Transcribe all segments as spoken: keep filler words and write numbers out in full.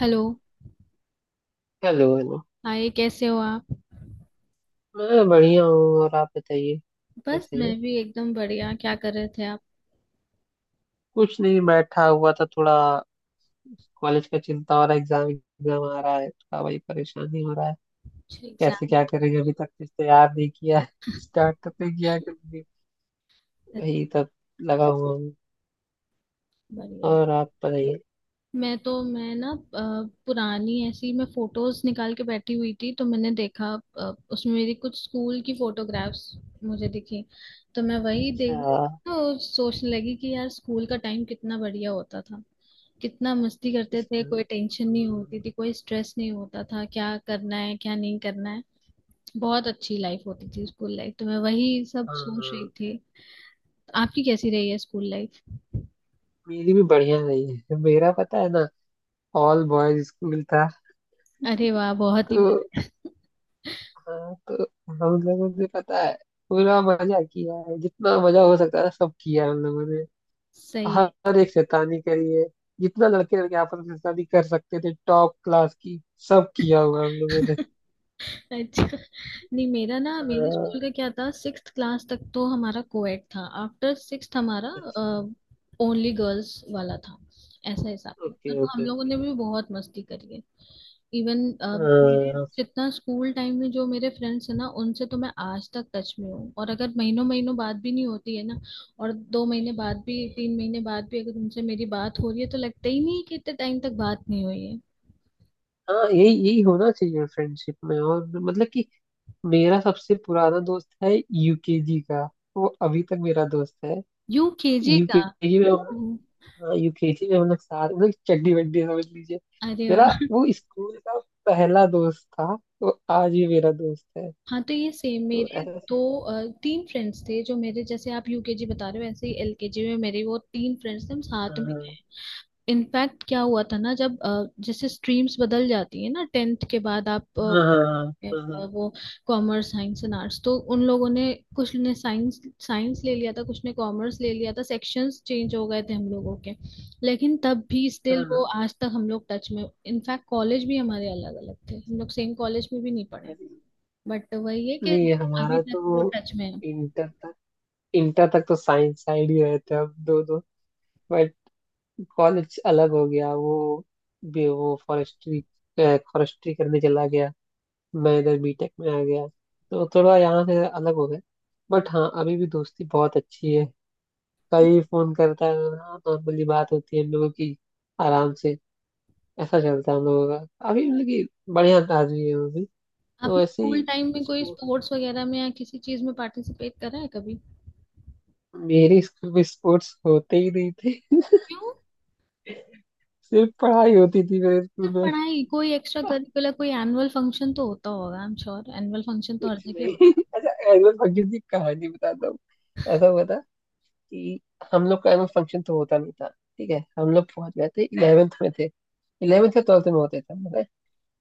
Hello. Hello hello. Hi, कैसे हो आप? मैं बढ़िया हूँ और आप बताइए। बस कैसे मैं हैं। भी एकदम बढ़िया। क्या कर रहे थे आप? कुछ नहीं, बैठा हुआ था थोड़ा। कॉलेज का चिंता हो रहा है, एग्जाम एग्जाम आ रहा है, थोड़ा वही परेशानी हो रहा है। कुछ कैसे एग्जाम? क्या करेंगे, अभी तक कुछ तैयार नहीं किया है। स्टार्ट तो नहीं किया है कभी। वही तब लगा हुआ हूँ। बढ़िया। और आप बताइए। मैं तो मैं ना अ, पुरानी ऐसी मैं फोटोज निकाल के बैठी हुई थी, तो मैंने देखा अ, उसमें मेरी कुछ स्कूल की फोटोग्राफ्स मुझे दिखी। तो मैं वही देख अच्छा। देख तो सोचने लगी कि यार स्कूल का टाइम कितना बढ़िया होता था। कितना मस्ती करते थे, इसमें। कोई टेंशन नहीं होती हाँ। थी, कोई स्ट्रेस नहीं होता था, क्या करना है क्या नहीं करना है। बहुत अच्छी लाइफ होती थी स्कूल लाइफ, तो मैं वही सब हाँ, सोच रही थी। आपकी कैसी रही है स्कूल लाइफ? मेरी भी बढ़िया नहीं है, मेरा पता है ना। ऑल बॉयज स्कूल था। अरे वाह, बहुत ही तो बढ़िया। हाँ, तो हम लोगों से पता है। पूरा मजा किया है, जितना मजा हो सकता है सब किया है हम लोगों ने। सही हर एक शैतानी करी है, जितना लड़के लड़के आपस में शैतानी कर सकते थे टॉप क्लास की, सब किया हुआ है हम लोगों ने। है। अच्छा नहीं, मेरा ना मेरे स्कूल हाँ, का क्या था, सिक्स्थ क्लास तक तो हमारा कोएड था, आफ्टर सिक्स्थ हमारा अच्छा। ओनली गर्ल्स वाला था। ऐसा हिसाब था, ओके तो हम ओके लोगों ओके। ने भी बहुत मस्ती करी है। इवन मेरे हाँ। जितना स्कूल टाइम में जो मेरे फ्रेंड्स हैं ना, उनसे तो मैं आज तक टच में हूँ। और अगर महीनों महीनों बात भी नहीं होती है ना, और दो महीने बाद भी तीन महीने बाद भी अगर उनसे मेरी बात हो रही है तो लगता ही नहीं है कि इतने टाइम तक बात नहीं हुई है। हाँ, यही यही होना चाहिए फ्रेंडशिप में। और मतलब कि मेरा सबसे पुराना दोस्त है यूकेजी का। वो अभी तक मेरा दोस्त है। यू के जी का? यूकेजी में। हम्म। यूकेजी में हम लोग साथ, मतलब चड्डी वड्डी समझ लीजिए। अरे मेरा वाह। वो स्कूल का पहला दोस्त था, तो आज भी मेरा दोस्त है। हाँ, तो ये सेम तो मेरे ऐसा। दो अ, तीन फ्रेंड्स थे, जो मेरे जैसे आप यू के जी बता रहे हो ऐसे ही एल के जी में मेरे वो तीन फ्रेंड्स थे, हम साथ में। हाँ इनफैक्ट क्या हुआ था ना, जब अ, जैसे स्ट्रीम्स बदल जाती है ना टेंथ के बाद आप हाँ हाँ। है, हाँ वो कॉमर्स साइंस एंड आर्ट्स, तो उन लोगों ने कुछ ने साइंस साइंस ले लिया था, कुछ ने कॉमर्स ले लिया था, सेक्शंस चेंज हो गए थे हम लोगों के। लेकिन तब भी हाँ स्टिल वो हाँ। आज तक हम लोग टच में। इनफैक्ट कॉलेज भी हमारे अलग अलग थे, हम लोग सेम कॉलेज में भी नहीं पढ़े। अरे, बट वही है कि नहीं अभी हमारा तक वो तो टच में है। इंटर तक, इंटर तक तो साइंस साइड ही रहते हम दो दो। बट कॉलेज अलग हो गया वो। बे- वो फॉरेस्ट्री फॉरेस्ट्री करने चला गया। मैं इधर बीटेक में आ गया, तो थोड़ा यहाँ से अलग हो गया। बट हाँ, अभी भी दोस्ती बहुत अच्छी है। कभी फोन करता है ना, नॉर्मली बात होती है हम लोगों की आराम से। ऐसा चलता है हम लोगों का अभी, मतलब कि बढ़िया आदमी है वो भी। आपने तो ऐसे स्कूल ही। टाइम में कोई उसको- स्पोर्ट्स वगैरह में या किसी चीज में पार्टिसिपेट करा है कभी? मेरे स्कूल में स्पोर्ट्स होते ही नहीं थे क्यों? सिर्फ पढ़ाई होती थी मेरे स्कूल सिर्फ में। पढ़ाई? कोई एक्स्ट्रा करिकुलर? कोई एनुअल फंक्शन तो होता होगा, I am sure, annual function तो हर कुछ जगह नहीं होता अच्छा, एनुअल फंक्शन की कहानी बताता हूँ। ऐसा हुआ था कि हम लोग का एनुअल फंक्शन तो होता नहीं था। ठीक है, हम लोग पहुंच गए थे इलेवेंथ में थे, इलेवेंथ या ट्वेल्थ में होते थे मतलब।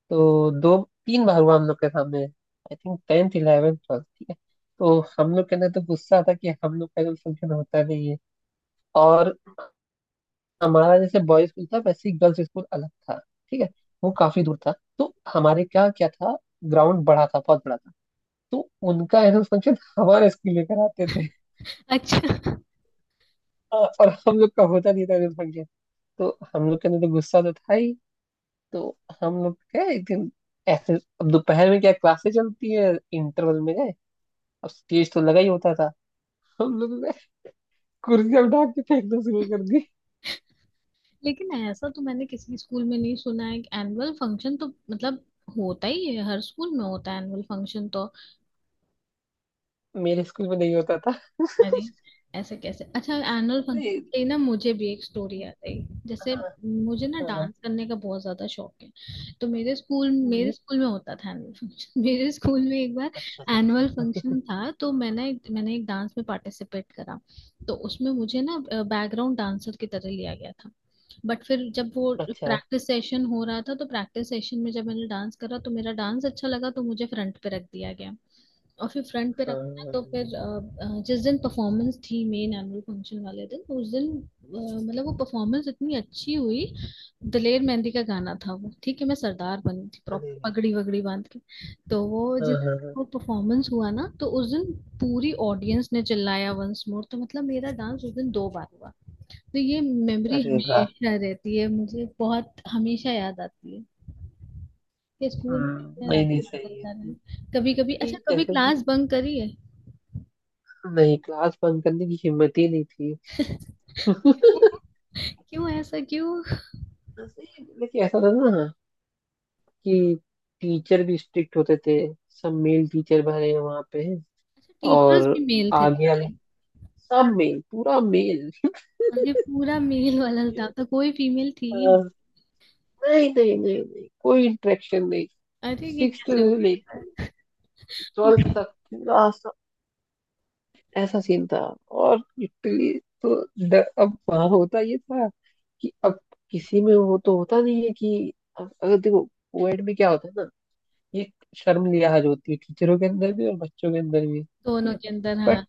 तो दो तीन बार हुआ हम लोग के सामने, I think tenth eleventh twelfth, ठीक है। तो हम लोग के अंदर तो गुस्सा था कि हम लोग का जो फंक्शन होता नहीं है। और हमारा जैसे बॉयज स्कूल था, वैसे ही गर्ल्स स्कूल अलग था, ठीक है। वो काफी दूर था, तो हमारे क्या क्या था, ग्राउंड बड़ा था, बहुत बड़ा था। तो उनका एनुअल फंक्शन हमारे स्कूल में कराते थे। है। अच्छा। हाँ, और हम लोग का होता नहीं था एनुअल फंक्शन। तो हम लोग के अंदर तो गुस्सा तो था ही। तो हम लोग गए एक दिन ऐसे, अब दोपहर में क्या क्लासेस चलती है, इंटरवल में गए। अब स्टेज तो लगा ही होता था, हम लोगों ने कुर्सियां उठा के फेंकना शुरू कर दी। लेकिन ऐसा तो मैंने किसी स्कूल में नहीं सुना है कि एनुअल फंक्शन तो मतलब होता ही है, हर स्कूल में होता है एनुअल फंक्शन तो। मेरे स्कूल में नहीं होता था। अरे, ऐसे कैसे? अच्छा एनुअल नहीं। फंक्शन। ना मुझे भी एक स्टोरी याद आई। हाँ। जैसे मुझे ना हाँ। डांस करने का बहुत ज्यादा शौक है। तो मेरे स्कूल मेरे ये- स्कूल में होता था एनुअल फंक्शन। मेरे स्कूल में एक बार अच्छा एनुअल अच्छा। फंक्शन था, तो मैंने एक मैंने एक डांस में पार्टिसिपेट करा। तो उसमें मुझे ना बैकग्राउंड डांसर की तरह लिया गया था। बट फिर जब वो अच्छा अच्छा, प्रैक्टिस सेशन हो रहा था, तो प्रैक्टिस सेशन में जब मैंने डांस करा तो मेरा डांस अच्छा लगा, तो मुझे फ्रंट पे रख दिया गया। और फिर फ्रंट पे रखना, तो हाँ। फिर अ, अ, जिस दिन परफॉर्मेंस थी, मेन एनुअल फंक्शन वाले दिन, तो उस दिन अ, मतलब वो परफॉर्मेंस इतनी अच्छी हुई। दलेर मेहंदी का गाना था वो, ठीक है, मैं सरदार बनी थी, अरे प्रॉपर वाह। पगड़ी वगड़ी बांध के। तो वो हाँ जिस हाँ हाँ, वो परफॉर्मेंस हुआ ना, तो उस दिन पूरी ऑडियंस ने चिल्लाया वंस मोर। तो मतलब मेरा डांस उस दिन दो बार हुआ। तो ये मेमोरी अरे वाह। हमेशा रहती है मुझे, बहुत हमेशा याद आती है। कि स्कूल में कितने हम्म, नहीं रात नहीं, मटर सही कर रहे है। हैं, कभी कभी ये अच्छा कभी जैसे कि, क्लास बंक करी है। नहीं क्लास बंद करने की हिम्मत ही नहीं थी क्यों ऐसा क्यों? सही है, लेकिन ऐसा था ना कि टीचर भी स्ट्रिक्ट होते थे। सब मेल टीचर भरे हैं वहां पे। अच्छा, और टीचर्स भी मेल थे आगे वाले सारे? सब मेल, पूरा मेल अरे पूरा मेल वाला स्टाफ था, तो कोई फीमेल थी ही नहीं? हाँ, नहीं नहीं नहीं नहीं, कोई इंटरेक्शन नहीं। अरे ये सिक्स कैसे हो से लेके सकता ट्वेल्थ है? तक पूरा सा- ऐसा सीन था। और लिटरली तो ड- अब वहां होता ये था कि अब किसी में वो तो होता नहीं है कि, अब अगर देखो कोविड में क्या होता है ना, ये शर्म लिहाज होती है टीचरों के अंदर भी और बच्चों के अंदर भी, ठीक दोनों है। के अंदर, बट हाँ।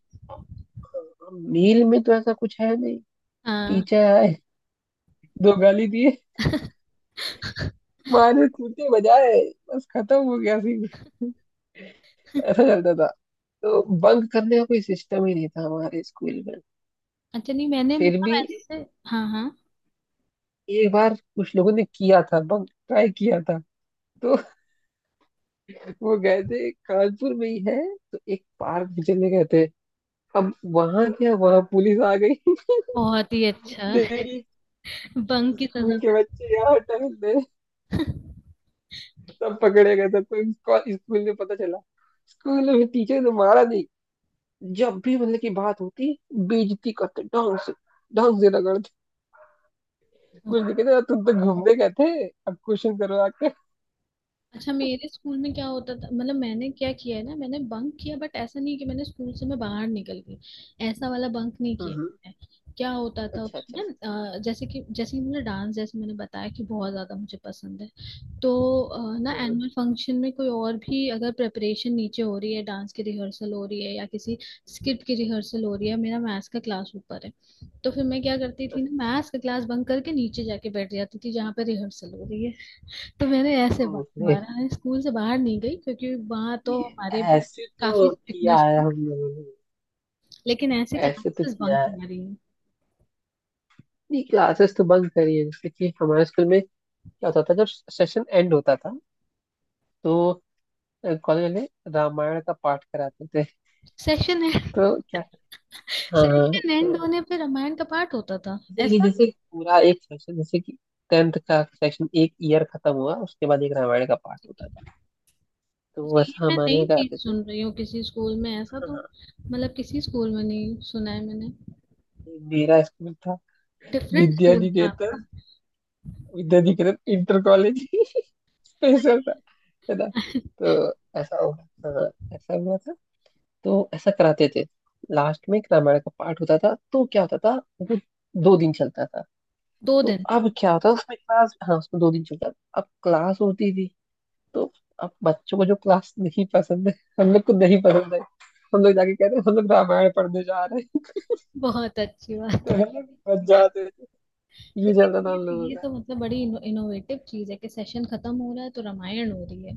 मील में तो ऐसा कुछ है नहीं। हाँ। टीचर आए, दो गाली दिए, मारे कूटे बजाए, बस खत्म हो गया सीन ऐसा चलता था, तो बंक करने का कोई सिस्टम ही नहीं था हमारे स्कूल में। अच्छा नहीं, मैंने फिर मतलब भी ऐसे। हाँ हाँ। एक बार कुछ लोगों ने किया था, बंक ट्राई किया था। तो वो गए थे, कानपुर में ही है, तो एक पार्क में चले गए थे। अब वहां क्या, वहां पुलिस आ गई बहुत ही अच्छा। देखी, बंक की सजा। स्कूल के बच्चे यहाँ टहल रहे हैं। सब पकड़े गए, सबको स्कूल में पता चला। स्कूल में टीचर ने मारा नहीं, जब भी मतलब की बात होती, बेइज्जती करते ढंग से, ढंग से रगड़ते। कुछ नहीं कहते, तुम तो घूमने गए थे, अब क्वेश्चन करो आके। अच्छा, मेरे स्कूल में क्या होता था, मतलब मैंने क्या किया है ना, मैंने बंक किया, बट ऐसा नहीं कि मैंने स्कूल से मैं बाहर निकल गई। ऐसा वाला बंक नहीं किया हम्म, मैंने। क्या होता था अच्छा अच्छा। उसमें, अ, जैसे कि जैसे कि मैंने डांस, जैसे मैंने बताया कि बहुत ज्यादा मुझे पसंद है। तो अ, ना हम्म, एनुअल फंक्शन में कोई और भी अगर प्रेपरेशन नीचे हो रही है, डांस की रिहर्सल हो रही है या किसी स्किट की रिहर्सल हो रही है, मेरा मैथ्स का क्लास ऊपर है। तो फिर मैं क्या करती थी ना, अच्छा। मैथ्स का क्लास बंक करके नीचे जाके बैठ जाती थी जहाँ पे रिहर्सल हो रही है। तो मैंने ऐसे बा- ओके। मारा है, स्कूल से बाहर नहीं गई क्योंकि वहां तो ये हमारे भी ऐसे काफी तो किया स्ट्रिक्टनेस है थी। हम लोगों ने, लेकिन ऐसे ऐसे तो क्लासेस किया बंक है। मारी है। नहीं, क्लासेस तो बंक करी है। जैसे कि हमारे स्कूल में क्या होता था, जब सेशन एंड होता था तो कॉलेज वाले रामायण का पाठ कराते थे। Session and? तो क्या, हाँ हाँ, सेशन तो एंड होने पे रामायण का पाठ होता था? ये नहीं, ऐसा? जैसे पूरा एक सेशन, जैसे कि टेंथ का सेशन, एक ईयर खत्म हुआ, उसके बाद एक रामायण का पाठ अच्छा। होता था। तो ये वैसा मैं हमारे नई यहाँ चीज कराते थे। सुन रही हूँ, किसी स्कूल में ऐसा हाँ तो हाँ, मतलब किसी स्कूल में नहीं सुना है मैंने। मेरा स्कूल था डिफरेंट विद्या स्कूल था निकेतन, आपका। विद्याधिकृत इंटर कॉलेज, स्पेशल था, है ना। तो ऐसा होगा। हाँ, ऐसा हुआ था, तो ऐसा कराते थे। लास्ट में एक रामायण का पाठ होता था। तो क्या होता था, वो दो दिन चलता था। दो तो दिन अब क्या होता उसमें क्लास, हाँ उसमें दो दिन चलता था। अब क्लास होती थी, तो अब बच्चों को जो क्लास नहीं पसंद है, हम लोग को नहीं पसंद है, हम लोग जाके कहते हैं हम लोग रामायण पढ़ने जा रहे हैं। बहुत अच्छी बात तो है। हम लोग बच जाते थे। ये चलता लेकिन था हम ये लोगों ये का। तो मतलब बड़ी इनो, इनोवेटिव चीज है कि सेशन खत्म हो रहा है तो रामायण हो रही है।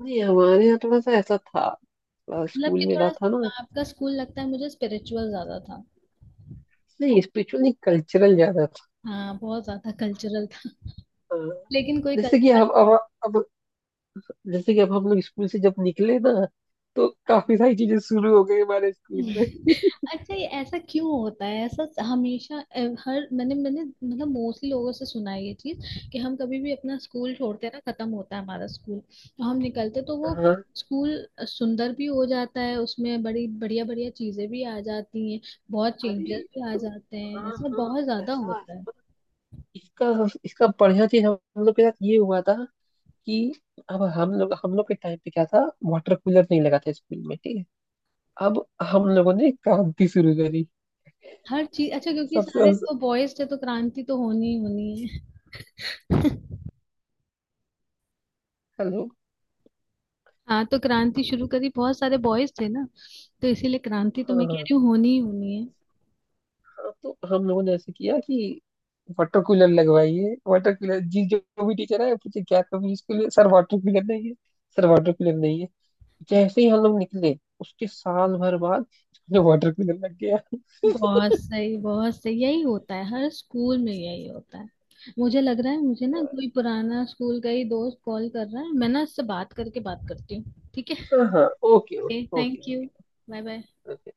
नहीं हमारे यहाँ थोड़ा सा ऐसा था, मतलब स्कूल कि थोड़ा मेरा था ना। आपका स्कूल लगता है मुझे स्पिरिचुअल ज्यादा था। नहीं, स्पिरिचुअली कल्चरल ज्यादा था। हाँ बहुत ज्यादा कल्चरल था। हाँ, लेकिन कोई जैसे कि कल्चरल। हम अब अब जैसे कि अब हम लोग स्कूल से जब निकले ना, तो काफी सारी चीजें शुरू हो गई हमारे स्कूल में। अच्छा, ये ऐसा क्यों होता है, ऐसा हमेशा अ, हर मैंने मैंने मतलब मोस्टली लोगों से सुना है ये चीज। कि हम कभी भी अपना स्कूल छोड़ते हैं ना, खत्म होता है हमारा स्कूल, तो हम निकलते तो वो हाँ। स्कूल सुंदर भी हो जाता है, उसमें बड़ी बढ़िया बढ़िया चीजें भी आ जाती हैं, बहुत अरे, चेंजेस भी आ तो जाते हैं, हाँ ऐसा हाँ, बहुत ज्यादा ऐसा, होता है। इसका इसका बढ़िया चीज हम हम लोग के साथ ये हुआ था कि अब हम लोग हम लोग के टाइम पे क्या था, वाटर कूलर नहीं लगा था स्कूल में, ठीक है। अब हम लोगों ने क्रांति शुरू करी हर चीज अच्छा, क्योंकि सबसे। सारे तो बॉयज थे तो क्रांति तो होनी ही होनी है। हेलो। हाँ, तो क्रांति शुरू करी, बहुत सारे बॉयज थे ना, तो इसीलिए क्रांति तो मैं कह हाँ, रही हूँ होनी ही होनी है। तो हम लोगों ने ऐसे किया कि वाटर कूलर लगवाइए, वाटर कूलर जी, जो जो भी टीचर आए पूछे, क्या कभी इसके लिए, सर वाटर कूलर नहीं है, सर वाटर कूलर नहीं है। जैसे ही हम लोग निकले, उसके साल भर बाद वाटर कूलर लग गया। बहुत सही, बहुत सही, यही होता है हर स्कूल में यही होता है। मुझे लग रहा है मुझे ना कोई पुराना स्कूल का ही दोस्त कॉल कर रहा है, मैं ना उससे बात करके बात करती हूँ, ठीक हाँ हाँ। ओके है? Okay okay thank you. Okay bye bye. Okay.